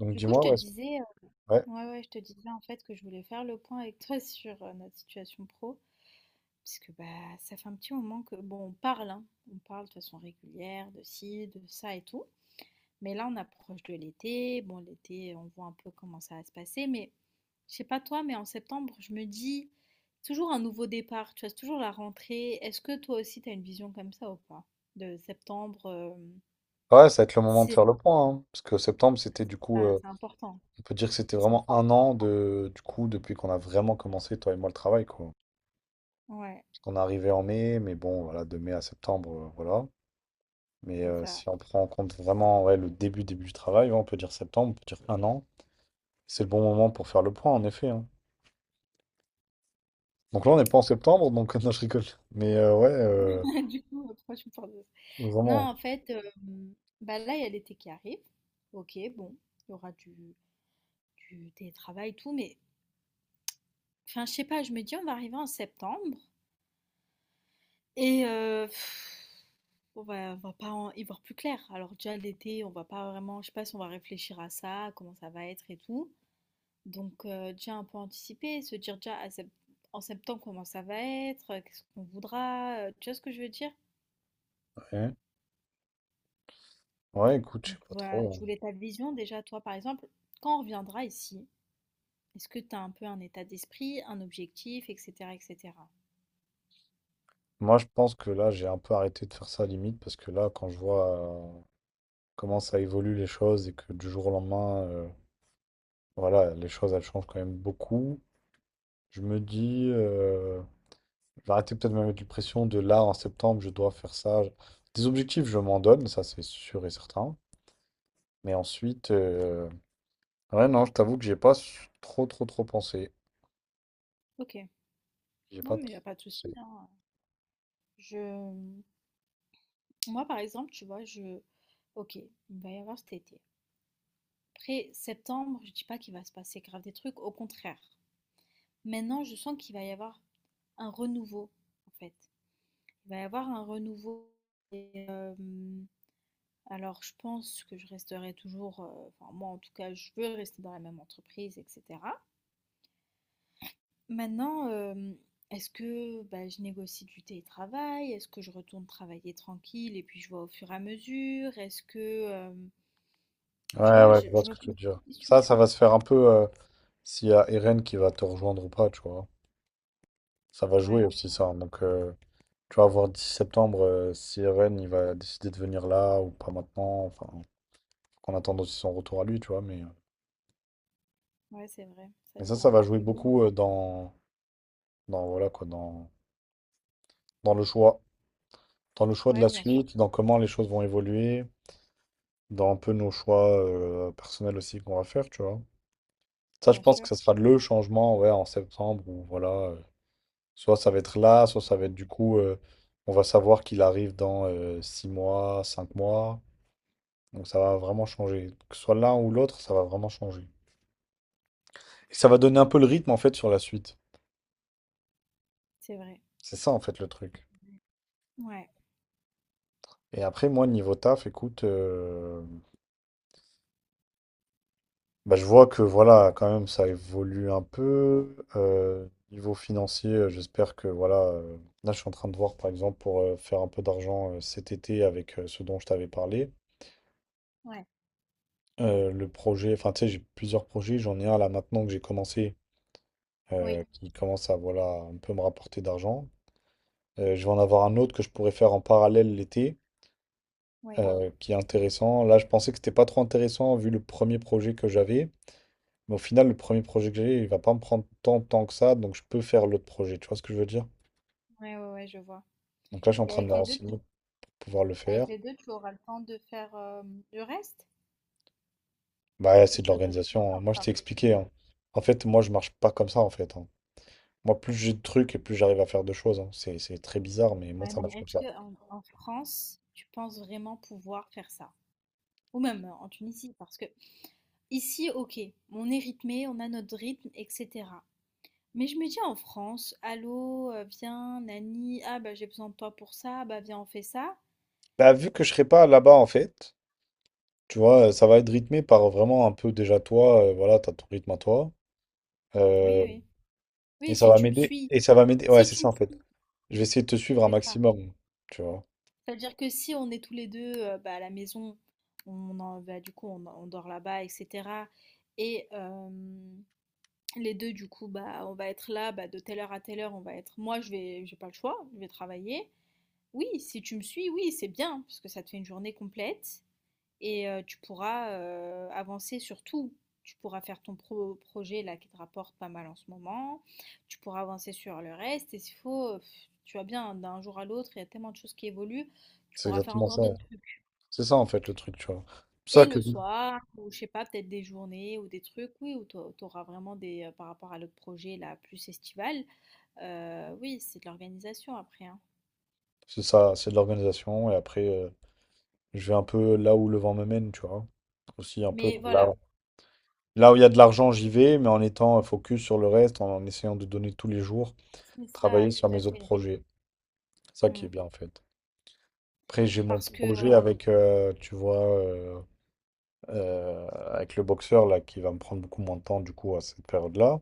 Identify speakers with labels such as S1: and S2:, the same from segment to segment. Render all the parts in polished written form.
S1: Donc
S2: Du coup, je
S1: dis-moi,
S2: te
S1: ouais,
S2: disais,
S1: ouais.
S2: ouais, ouais, je te disais en fait que je voulais faire le point avec toi sur notre situation pro, puisque bah ça fait un petit moment que bon, on parle, hein, on parle de façon régulière de ci, de ça et tout, mais là on approche de l'été. Bon, l'été on voit un peu comment ça va se passer, mais je sais pas toi, mais en septembre je me dis toujours un nouveau départ, tu vois, c'est toujours la rentrée. Est-ce que toi aussi t'as une vision comme ça ou pas? De septembre,
S1: Ouais, ça va être le moment de
S2: c'est
S1: faire le point, hein, parce que septembre, c'était du coup,
S2: ah, c'est important,
S1: on peut dire que c'était
S2: c'est
S1: vraiment un
S2: important.
S1: an du coup, depuis qu'on a vraiment commencé, toi et moi, le travail, quoi.
S2: Ouais,
S1: Parce qu'on est arrivé en mai, mais bon, voilà, de mai à septembre, voilà. Mais
S2: c'est ça.
S1: si on prend en compte vraiment ouais, le début, début du travail, ouais, on peut dire septembre, on peut dire un an. C'est le bon moment pour faire le point, en effet, hein. Donc là, on n'est pas en septembre, donc non, je rigole. Mais ouais,
S2: Du coup, pourquoi tu me parles de ça? Non, en
S1: vraiment.
S2: fait, bah là, il y a l'été qui arrive. Ok, bon, il y aura du télétravail, tout, mais enfin, je sais pas, je me dis, on va arriver en septembre et on va pas y voir plus clair. Alors, déjà, l'été, on va pas vraiment, je sais pas si on va réfléchir à ça, comment ça va être et tout. Donc, déjà un peu anticiper, se dire déjà en septembre comment ça va être, qu'est-ce qu'on voudra, tu vois ce que je veux dire?
S1: Ouais, ouais, écoute, je sais
S2: Donc
S1: pas
S2: voilà, je
S1: trop, hein.
S2: voulais ta vision déjà, toi par exemple, quand on reviendra ici, est-ce que tu as un peu un état d'esprit, un objectif, etc., etc.
S1: Moi, je pense que là, j'ai un peu arrêté de faire ça limite parce que là, quand je vois comment ça évolue les choses et que du jour au lendemain, voilà, les choses, elles changent quand même beaucoup, je me dis, je vais arrêter peut-être de me mettre une pression de là, en septembre, je dois faire ça. Des objectifs, je m'en donne, ça c'est sûr et certain. Mais ensuite, ouais, non, je t'avoue que j'ai pas trop, trop, trop pensé.
S2: Ok,
S1: J'ai pas
S2: non
S1: trop
S2: mais y a pas de
S1: pensé.
S2: souci, hein. Je, moi par exemple, tu vois, ok, il va y avoir cet été. Après septembre, je dis pas qu'il va se passer grave des trucs, au contraire. Maintenant, je sens qu'il va y avoir un renouveau, en fait. Il va y avoir un renouveau. euh, Alors, je pense que je resterai toujours, enfin moi en tout cas, je veux rester dans la même entreprise et cetera. Maintenant, est-ce que, bah, je négocie du télétravail? Est-ce que je retourne travailler tranquille et puis je vois au fur et à mesure? Est-ce que, hem, tu
S1: Ouais,
S2: vois,
S1: ouais, je
S2: je
S1: vois
S2: je
S1: ce
S2: me
S1: que tu
S2: pose
S1: veux
S2: plein
S1: dire.
S2: de
S1: Ça,
S2: questions.
S1: ça va se faire un peu s'il y a Eren qui va te rejoindre ou pas, tu vois. Ça va jouer
S2: Ouais,
S1: aussi
S2: ouais,
S1: ça. Donc, tu vas voir 10 septembre si Eren il va décider de venir là ou pas maintenant. Enfin, faut qu'on attende aussi son retour à lui, tu vois. Mais, euh,
S2: ouais, c'est vrai, ça
S1: mais ça, ça
S2: dépend
S1: va
S2: pas que
S1: jouer
S2: de nous, hein.
S1: beaucoup dans, voilà, quoi, dans le choix. Dans le choix de
S2: Ouais,
S1: la
S2: bien sûr,
S1: suite, dans comment les choses vont évoluer, dans un peu nos choix personnels aussi qu'on va faire, tu vois. Ça, je
S2: bien
S1: pense que
S2: sûr.
S1: ça sera
S2: Mmh,
S1: le changement, ouais, en septembre, où voilà, soit ça va être là, soit ça va
S2: ouais,
S1: être du coup, on va savoir qu'il arrive dans 6 mois, 5 mois. Donc ça va vraiment changer. Que ce soit l'un ou l'autre, ça va vraiment changer. Et ça va donner un peu le rythme en fait sur la suite.
S2: c'est vrai.
S1: C'est ça en fait le truc.
S2: Ouais,
S1: Et après, moi, niveau taf, écoute, bah, je vois que voilà, quand même, ça évolue un peu. Niveau financier, j'espère que voilà. Là, je suis en train de voir, par exemple, pour faire un peu d'argent cet été avec ce dont je t'avais parlé.
S2: ouais,
S1: Le projet, enfin, tu sais, j'ai plusieurs projets. J'en ai un là maintenant que j'ai commencé,
S2: oui,
S1: qui commence à voilà un peu me rapporter d'argent. Je vais en avoir un autre que je pourrais faire en parallèle l'été,
S2: oui,
S1: qui est intéressant. Là, je pensais que c'était pas trop intéressant vu le premier projet que j'avais. Mais au final, le premier projet que j'ai, il va pas me prendre tant de temps que ça, donc je peux faire l'autre projet. Tu vois ce que je veux dire?
S2: ouais, ouais, ouais, je vois.
S1: Donc là, je suis en
S2: Et
S1: train de
S2: avec
S1: me
S2: les 2, tu
S1: renseigner pour pouvoir le faire.
S2: avec les 2, tu auras le temps de faire, le reste?
S1: Bah,
S2: Est-ce que
S1: c'est de
S2: tu as d'autres trucs
S1: l'organisation, hein. Moi, je t'ai
S2: encore?
S1: expliqué, hein. En fait, moi, je marche pas comme ça, en fait, hein. Moi, plus j'ai de trucs et plus j'arrive à faire de choses, hein. C'est très bizarre, mais moi,
S2: Ouais,
S1: ça
S2: mais
S1: marche comme
S2: est-ce
S1: ça.
S2: que en France, tu penses vraiment pouvoir faire ça? Ou même en Tunisie, parce que ici, ok, on est rythmé, on a notre rythme, etc. Mais je me dis en France, allô, viens, Nani, ah bah j'ai besoin de toi pour ça, bah viens, on fait ça.
S1: Bah, vu que je serai pas là-bas, en fait. Tu vois, ça va être rythmé par vraiment un peu déjà toi, voilà, t'as ton rythme à toi.
S2: Oui,
S1: Euh,
S2: oui.
S1: et
S2: Oui,
S1: ça
S2: si
S1: va
S2: tu me
S1: m'aider.
S2: suis,
S1: Et ça va m'aider. Ouais,
S2: si
S1: c'est
S2: tu
S1: ça
S2: me
S1: en fait.
S2: suis,
S1: Je vais essayer de te suivre un
S2: c'est ça.
S1: maximum, tu vois.
S2: C'est-à-dire que si on est tous les deux bah, à la maison, bah, du coup on dort là-bas, etc. Et les 2, du coup, bah, on va être là, bah, de telle heure à telle heure, on va être. Moi, j'ai pas le choix, je vais travailler. Oui, si tu me suis, oui, c'est bien, parce que ça te fait une journée complète et tu pourras avancer sur tout. Tu pourras faire ton projet là qui te rapporte pas mal en ce moment. Tu pourras avancer sur le reste. Et s'il faut, tu vois bien, d'un jour à l'autre, il y a tellement de choses qui évoluent. Tu
S1: C'est
S2: pourras faire
S1: exactement
S2: encore
S1: ça.
S2: d'autres trucs.
S1: C'est ça en fait le truc, tu vois. C'est ça
S2: Et
S1: que
S2: le soir, ou je sais pas, peut-être des journées ou des trucs, oui, où tu auras vraiment par rapport à l'autre projet là, plus estival. Oui, c'est de l'organisation après, hein.
S1: c'est ça, c'est de l'organisation. Et après, je vais un peu là où le vent me mène, tu vois. Aussi un peu
S2: Mais
S1: là.
S2: voilà,
S1: Là où il y a de l'argent, j'y vais, mais en étant focus sur le reste, en essayant de donner tous les jours,
S2: c'est ça,
S1: travailler sur
S2: tout à
S1: mes autres
S2: fait.
S1: projets. Ça qui
S2: Mmh.
S1: est bien en fait. Après, j'ai mon
S2: Parce que,
S1: projet tu vois, euh, avec le boxeur là, qui va me prendre beaucoup moins de temps du coup à cette période-là. Donc,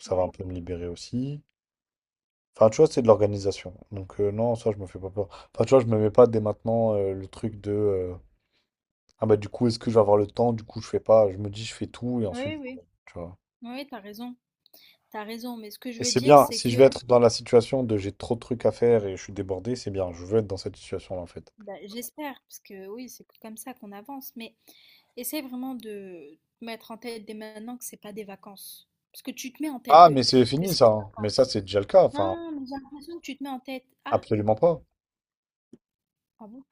S1: ça va un
S2: ouais.
S1: peu me libérer aussi. Enfin, tu vois, c'est de l'organisation. Donc non, ça, je me fais pas peur. Enfin, tu vois, je me mets pas dès maintenant le truc de ah bah du coup, est-ce que je vais avoir le temps? Du coup, je fais pas. Je me dis, je fais tout et
S2: Oui,
S1: ensuite,
S2: oui.
S1: tu vois.
S2: Oui, t'as raison, mais ce que je
S1: Et
S2: veux
S1: c'est
S2: dire,
S1: bien,
S2: c'est
S1: si je
S2: que
S1: vais être dans la situation de j'ai trop de trucs à faire et je suis débordé, c'est bien, je veux être dans cette situation-là en fait.
S2: bah, j'espère, parce que oui, c'est comme ça qu'on avance, mais essaie vraiment de te mettre en tête dès maintenant que c'est pas des vacances. Parce que tu te mets en tête
S1: Ah,
S2: que
S1: mais c'est
S2: que
S1: fini
S2: c'est des
S1: ça, hein. Mais ça
S2: vacances.
S1: c'est déjà le cas, enfin,
S2: Non, mais j'ai l'impression que tu te mets en tête ah!
S1: absolument pas.
S2: Ah bon?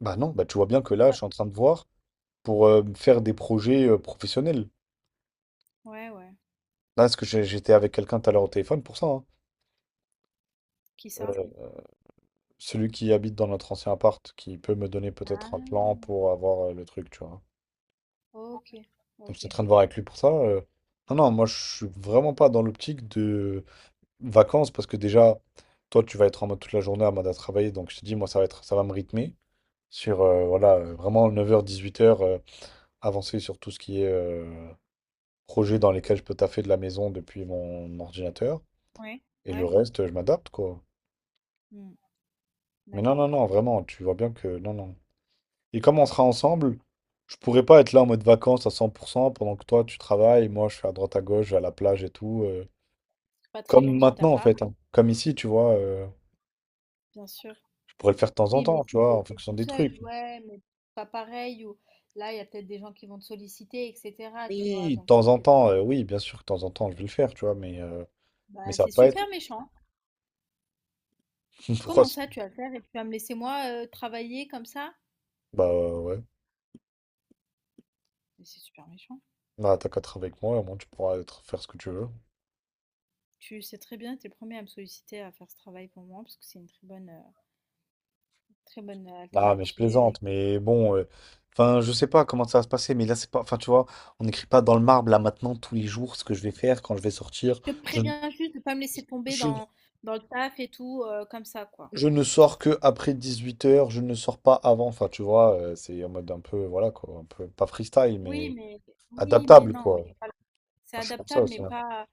S1: Bah non, bah tu vois bien que là,
S2: Ouais.
S1: je suis en train de voir pour faire des projets professionnels.
S2: Ouais, ouais.
S1: Là, parce que j'étais avec quelqu'un tout à l'heure au téléphone pour ça, hein.
S2: Qui ça?
S1: Euh, Celui qui habite dans notre ancien appart, qui peut me donner peut-être un plan
S2: Ah!
S1: pour avoir le truc, tu vois.
S2: OK,
S1: Donc je suis en
S2: OK.
S1: train de voir avec lui pour ça. Non, non, moi je suis vraiment pas dans l'optique de vacances parce que déjà, toi, tu vas être en mode toute la journée en mode à travailler. Donc, je te dis, moi, ça va me rythmer sur voilà, vraiment 9 heures 18 heures avancer sur tout ce qui est projet dans lesquels je peux taffer de la maison depuis mon ordinateur.
S2: Ouais,
S1: Et le
S2: ouais.
S1: reste, je m'adapte, quoi.
S2: Mmh,
S1: Mais non,
S2: d'accord.
S1: non, non, vraiment, tu vois bien que non, non. Et comme on sera ensemble, je pourrais pas être là en mode vacances à 100% pendant que toi, tu travailles, moi, je suis à droite à gauche, je vais à la plage et tout,
S2: Pas très
S1: comme
S2: gentil de ta
S1: maintenant, en
S2: part,
S1: fait, hein. Comme ici, tu vois.
S2: bien sûr.
S1: Je pourrais le faire de temps en
S2: Oui, mais
S1: temps, tu
S2: si tu
S1: vois, en
S2: étais
S1: fonction
S2: tout
S1: des
S2: seul,
S1: trucs.
S2: ouais, mais pas pareil, ou là, il y a peut-être des gens qui vont te solliciter, etc. Tu vois,
S1: Oui, de
S2: donc
S1: temps
S2: c'est
S1: en temps, oui, bien sûr, de temps en temps, je vais le faire, tu vois, mais, mais
S2: bah,
S1: ça va
S2: c'est
S1: pas être.
S2: super méchant.
S1: Pourquoi
S2: Comment ça, tu vas le faire et tu vas me laisser moi travailler comme ça?
S1: Bah ouais.
S2: Mais c'est super méchant.
S1: Bah, t'as qu'à être avec moi, au moins tu pourras faire ce que tu veux.
S2: Tu sais très bien, tu es le premier à me solliciter à faire ce travail pour moi, parce que c'est une très bonne
S1: Ah, mais je
S2: alternative. Et.
S1: plaisante, mais bon, enfin, je sais pas comment ça va se passer, mais là, c'est pas. Enfin, tu vois, on n'écrit pas dans le marbre, là, maintenant, tous les jours, ce que je vais faire quand je vais sortir.
S2: Je te
S1: Je, ne-
S2: préviens juste de pas me laisser tomber
S1: je,
S2: dans le taf et tout, comme ça, quoi.
S1: je ne sors que après 18 heures, je ne sors pas avant. Enfin, tu vois, c'est en mode un peu, voilà, quoi, un peu, pas freestyle,
S2: Oui,
S1: mais
S2: mais oui, mais
S1: adaptable,
S2: non,
S1: quoi. Moi,
S2: mais voilà. C'est
S1: je suis comme ça
S2: adaptable, mais
S1: aussi, hein.
S2: pas.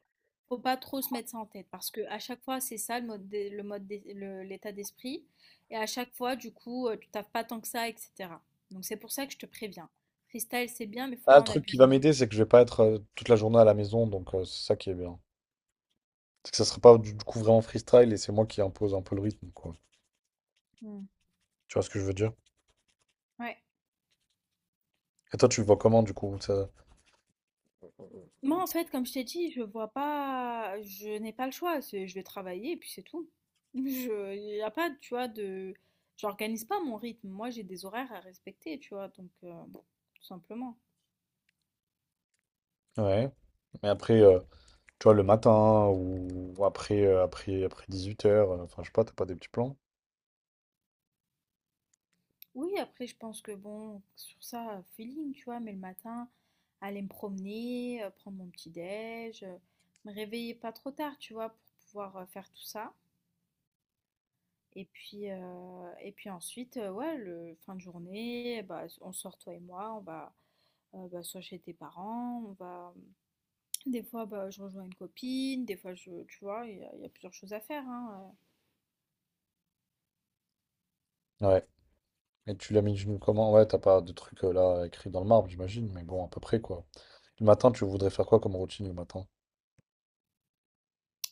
S2: Faut pas trop se mettre ça en tête parce que à chaque fois c'est ça le mode d'e- le mode d'es- le- l'état d'esprit et à chaque fois du coup tu taffes pas tant que ça etc. Donc c'est pour ça que je te préviens. Freestyle c'est bien mais faut
S1: Ah,
S2: pas
S1: le
S2: en
S1: truc qui
S2: abuser
S1: va
S2: non
S1: m'aider,
S2: plus.
S1: c'est que je vais pas être toute la journée à la maison, donc c'est ça qui est bien. C'est que ça sera pas du coup vraiment freestyle et c'est moi qui impose un peu le rythme, quoi.
S2: Hmm.
S1: Tu vois ce que je veux dire?
S2: Ouais.
S1: Et toi, tu le vois comment du coup? Ça
S2: Moi en fait comme je t'ai dit je vois pas je n'ai pas le choix je vais travailler et puis c'est tout. Je y a pas, tu vois, de j'organise pas mon rythme. Moi, j'ai des horaires à respecter, tu vois, donc tout simplement.
S1: Ouais. Mais après, tu vois, le matin ou après, après 18h, enfin, je sais pas, t'as pas des petits plans?
S2: Oui, après, je pense que bon, sur ça, feeling, tu vois, mais le matin, aller me promener, prendre mon petit déj, me réveiller pas trop tard, tu vois, pour pouvoir faire tout ça. Et puis ensuite, ouais, le fin de journée, bah, on sort toi et moi, on va bah, soit chez tes parents, on va. Mmh, Des fois, bah, je rejoins une copine, des fois, tu vois, il y a plusieurs choses à faire, hein,
S1: Ouais. Et tu l'as mis d'une comment? Ouais, t'as pas de truc là écrit dans le marbre, j'imagine, mais bon, à peu près quoi. Le matin, tu voudrais faire quoi comme routine le matin?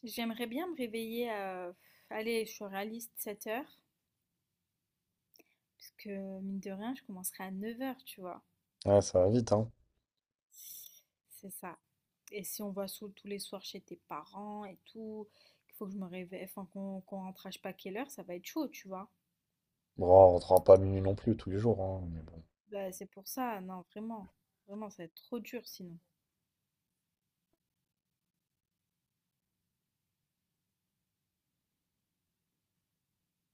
S2: J'aimerais bien me réveiller à. Allez, je suis réaliste, 7 heures. Parce que mine de rien, je commencerai à 9 heures tu vois.
S1: Ouais, ça va vite, hein.
S2: C'est ça. Et si on va tous les soirs chez tes parents et tout, qu'il faut que je me réveille, enfin qu'on rentre à je sais pas quelle heure, ça va être chaud, tu vois.
S1: Bon, on rentrera pas à minuit non plus tous les jours, hein, mais bon.
S2: Bah, c'est pour ça, non, vraiment. Vraiment, ça va être trop dur sinon.